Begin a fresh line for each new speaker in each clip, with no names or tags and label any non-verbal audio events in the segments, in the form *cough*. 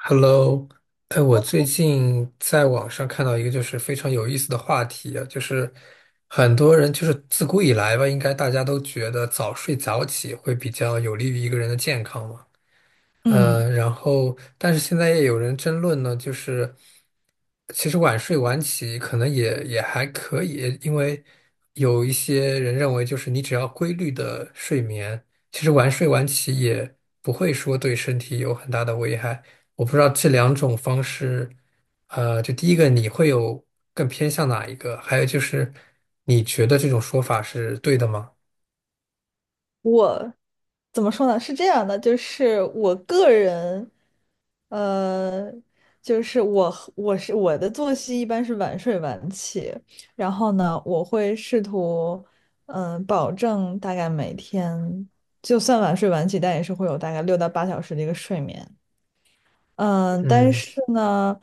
Hello，哎，我最近在网上看到一个就是非常有意思的话题啊，就是很多人就是自古以来吧，应该大家都觉得早睡早起会比较有利于一个人的健康嘛。
嗯
然后但是现在也有人争论呢，就是其实晚睡晚起可能也还可以，因为有一些人认为，就是你只要规律的睡眠，其实晚睡晚起也不会说对身体有很大的危害。我不知道这两种方式，就第一个你会有更偏向哪一个？还有就是你觉得这种说法是对的吗？
我怎么说呢？是这样的，就是我个人，呃，就是我和我是我的作息一般是晚睡晚起。然后呢，我会试图，保证大概每天，就算晚睡晚起，但也是会有大概6到8小时的一个睡眠。嗯，但
嗯
是呢，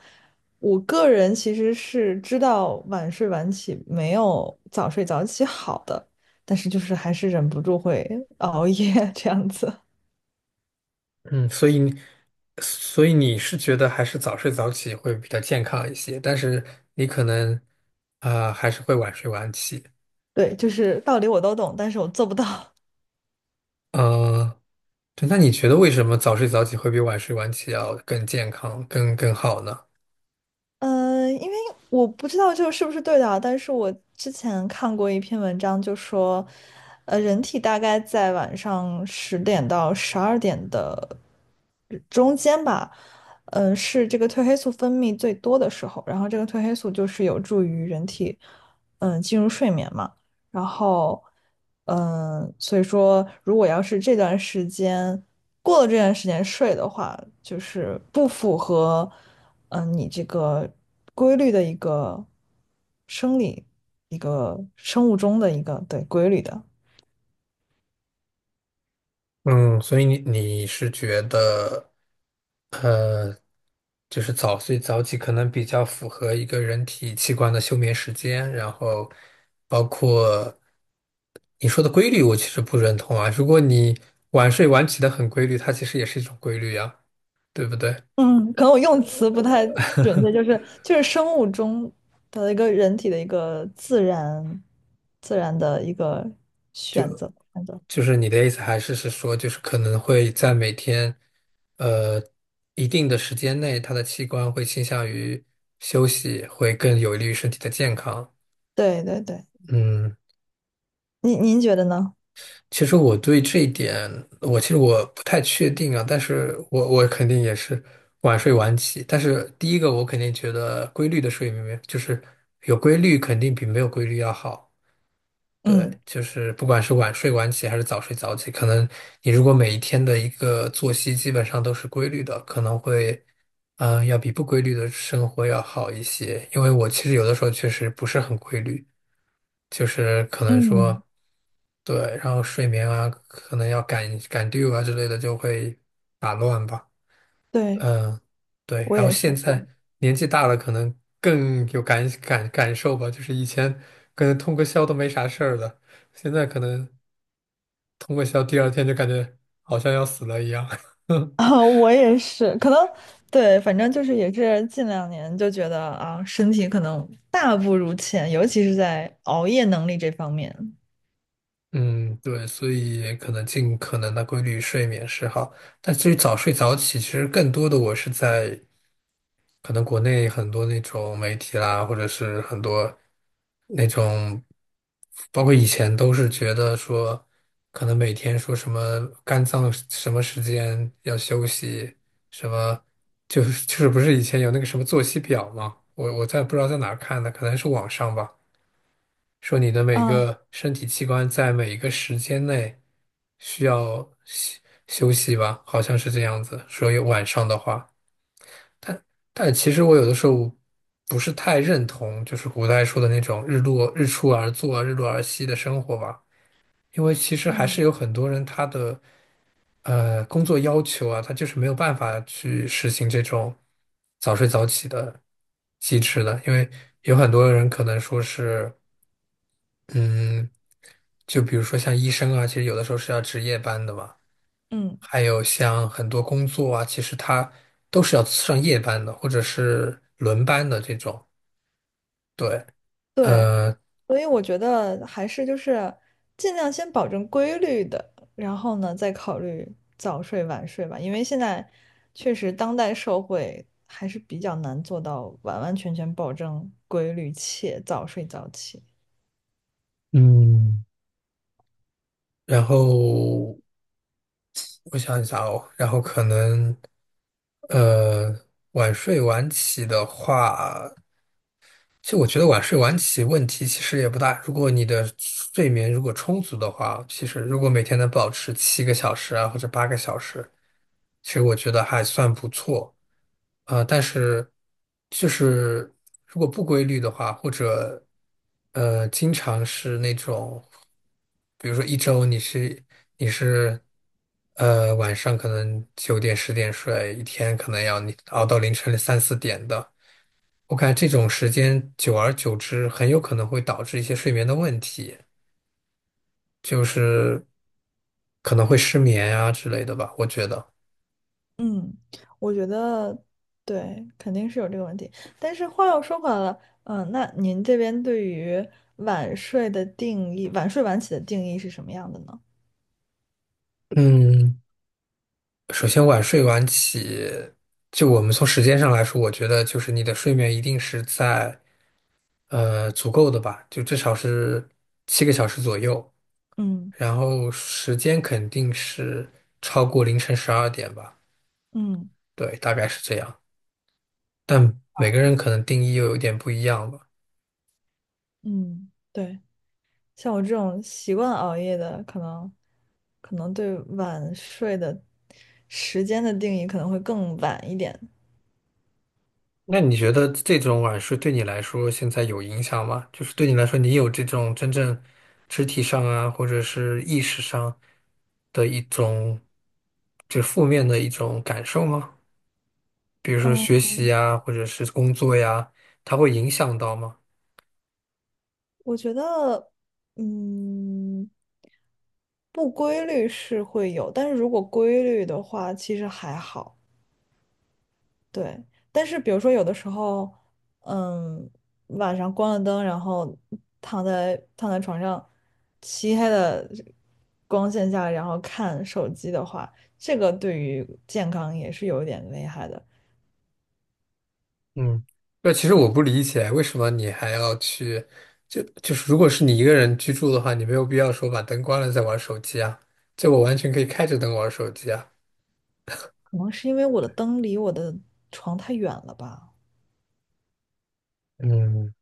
我个人其实是知道晚睡晚起没有早睡早起好的，但是就是还是忍不住会熬夜 *laughs* 这样子。
嗯，所以你是觉得还是早睡早起会比较健康一些，但是你可能啊、还是会晚睡晚起。
对，就是道理我都懂，但是我做不到。
嗯、对，那你觉得为什么早睡早起会比晚睡晚起要更健康、更好呢？
嗯，因为我不知道这个是不是对的啊，但是我之前看过一篇文章，就说，人体大概在晚上10点到12点的中间吧，是这个褪黑素分泌最多的时候。然后这个褪黑素就是有助于人体，进入睡眠嘛。然后，所以说，如果要是这段时间过了这段时间睡的话，就是不符合，你这个规律的一个生理、一个生物钟的一个对规律的。
嗯，所以你是觉得，呃，就是早睡早起可能比较符合一个人体器官的休眠时间，然后包括你说的规律，我其实不认同啊。如果你晚睡晚起的很规律，它其实也是一种规律呀，对不对？
嗯，可能我用词不太准确，就
*laughs*
是就是生物钟的一个人体的一个自然的一个选择。
就是你的意思还是说，就是可能会在每天，呃，一定的时间内，它的器官会倾向于休息，会更有利于身体的健康。
对对对，
嗯，
您觉得呢？
其实我对这一点，我其实我不太确定啊，但是我肯定也是晚睡晚起。但是第一个，我肯定觉得规律的睡眠就是有规律，肯定比没有规律要好。对，
嗯
就是不管是晚睡晚起还是早睡早起，可能你如果每一天的一个作息基本上都是规律的，可能会，要比不规律的生活要好一些。因为我其实有的时候确实不是很规律，就是可能说，
嗯。
对，然后睡眠啊，可能要赶赶 due 啊之类的，就会打乱吧。
对，
嗯，对，
我
然后
也是，
现
对，
在年纪大了，可能更有感受吧。就是以前可能通个宵都没啥事儿的，现在可能通个宵，第二天就感觉好像要死了一样。
*laughs*
*laughs*
啊，我也是，可能对，反正就是也是近2年就觉得啊，身体可能大不如前，尤其是在熬夜能力这方面
嗯，对，所以可能尽可能的规律睡眠是好，但至于早睡早起，其实更多的我是在可能国内很多那种媒体啦，或者是很多那种，包括以前都是觉得说，可能每天说什么肝脏什么时间要休息，什么就是不是以前有那个什么作息表吗？我在不知道在哪儿看的，可能是网上吧，说你的每
啊。
个身体器官在每一个时间内需要休息吧，好像是这样子，所以晚上的话。但其实我有的时候不是太认同，就是古代说的那种日落日出而作，日落而息的生活吧，因为其实还是
嗯
有很多人他的工作要求啊，他就是没有办法去实行这种早睡早起的机制的，因为有很多人可能说是嗯，就比如说像医生啊，其实有的时候是要值夜班的嘛，
嗯，
还有像很多工作啊，其实他都是要上夜班的，或者是轮班的这种。对，
对，
呃，
所以我觉得还是就是尽量先保证规律的，然后呢再考虑早睡晚睡吧。因为现在确实当代社会还是比较难做到完完全全保证规律且早睡早起。
嗯，然后我想一下哦，然后可能，呃，晚睡晚起的话。其实我觉得晚睡晚起问题其实也不大，如果你的睡眠如果充足的话，其实如果每天能保持七个小时啊或者八个小时，其实我觉得还算不错。但是就是如果不规律的话，或者经常是那种，比如说一周你是晚上可能9点10点睡，一天可能要你熬到凌晨3、4点的。我感觉这种时间久而久之，很有可能会导致一些睡眠的问题，就是可能会失眠呀、之类的吧。我觉得，
嗯，我觉得对，肯定是有这个问题。但是话又说回来了，那您这边对于晚睡的定义，晚睡晚起的定义是什么样的呢？
嗯，首先晚睡晚起，就我们从时间上来说，我觉得就是你的睡眠一定是在足够的吧，就至少是七个小时左右，
嗯
然后时间肯定是超过凌晨12点吧，
嗯
对，大概是这样。但每个人可能定义又有点不一样吧。
嗯，对，像我这种习惯熬夜的，可能对晚睡的时间的定义可能会更晚一点。
那你觉得这种晚睡对你来说现在有影响吗？就是对你来说，你有这种真正肢体上啊，或者是意识上的一种，就负面的一种感受吗？比如说
嗯，
学习呀，或者是工作呀，它会影响到吗？
我觉得，嗯，不规律是会有，但是如果规律的话，其实还好。对，但是比如说有的时候，嗯，晚上关了灯，然后躺在床上，漆黑的光线下，然后看手机的话，这个对于健康也是有一点危害的。
嗯，那其实我
对，
不理解，为什么你还要去，就是如果是你一个人居住的话，你没有必要说把灯关了再玩手机啊，就我完全可以开着灯玩手机啊。
可能是因为我的灯离我的床太远了吧。
嗯，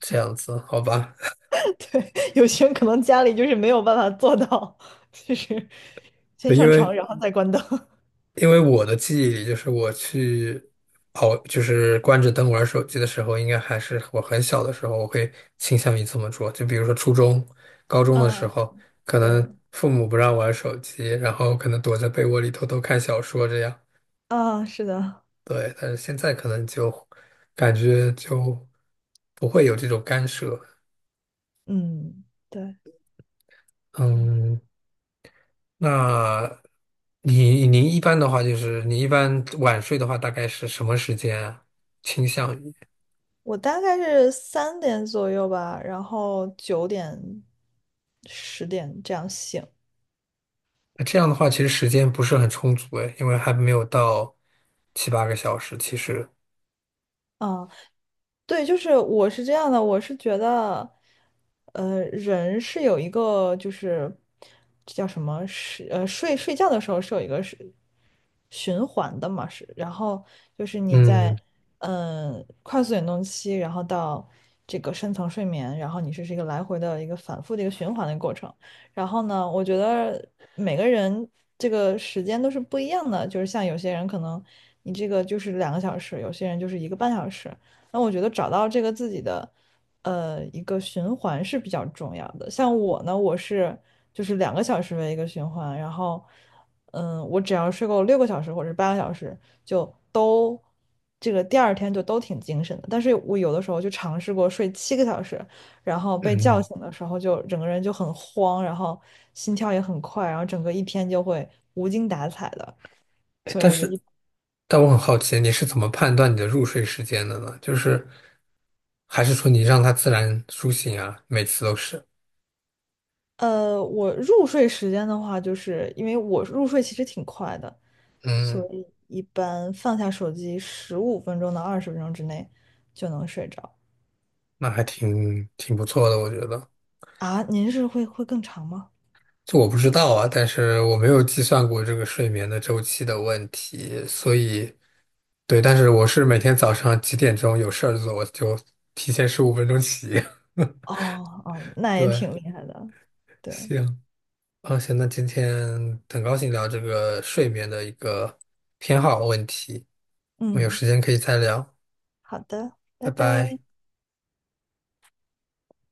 这样子，好吧。
*laughs* 有些人可能家里就是没有办法做到，*laughs* 就是先
对，因
上床，
为
然后再关灯。*laughs*
因为我的记忆里，就是我去熬，就是关着灯玩手机的时候，应该还是我很小的时候，我会倾向于这么做。就比如说初中、高中的时
嗯，
候，可
对，
能父母不让玩手机，然后可能躲在被窝里偷偷看小说这样。
啊，是的，
对，但是现在可能就感觉就不会有这种干涉。
嗯，对。对。
嗯，那您一般的话，就是你一般晚睡的话，大概是什么时间啊倾向于？
我大概是3点左右吧，然后9点、10点这样醒。
那这样的话，其实时间不是很充足诶，因为还没有到7、8个小时。其实，
啊，对，就是我是这样的，我是觉得，人是有一个，就是，这叫什么，是睡觉的时候是有一个是循环的嘛。是然后就是你在
嗯
快速眼动期，然后到这个深层睡眠，然后你这是一个来回的一个反复的一个循环的过程。然后呢，我觉得每个人这个时间都是不一样的，就是像有些人可能你这个就是两个小时，有些人就是1个半小时。那我觉得找到这个自己的一个循环是比较重要的。像我呢，我是就是两个小时为一个循环，然后我只要睡够6个小时或者是8个小时，就都这个第二天就都挺精神的。但是我有的时候就尝试过睡7个小时，然后被叫
嗯，
醒的时候就整个人就很慌，然后心跳也很快，然后整个一天就会无精打采的。
诶
所以
但
我就
是，
一。
但我很好奇，你是怎么判断你的入睡时间的呢？就是还是说你让它自然苏醒啊？每次都是，
我入睡时间的话，就是因为我入睡其实挺快的，所
嗯，
以一般放下手机15分钟到20分钟之内就能睡着
那还挺不错的，我觉得。
啊。您是会更长吗？
这我不知道啊，但是我没有计算过这个睡眠的周期的问题，所以对，但是我是每天早上几点钟有事儿做，我就提前15分钟起。
哦哦，
*laughs*
那也
对，
挺厉害的。对，
行，啊，行，那今天很高兴聊这个睡眠的一个偏好问题，我们有
嗯，
时间可以再聊，
好的，
拜
拜拜。
拜。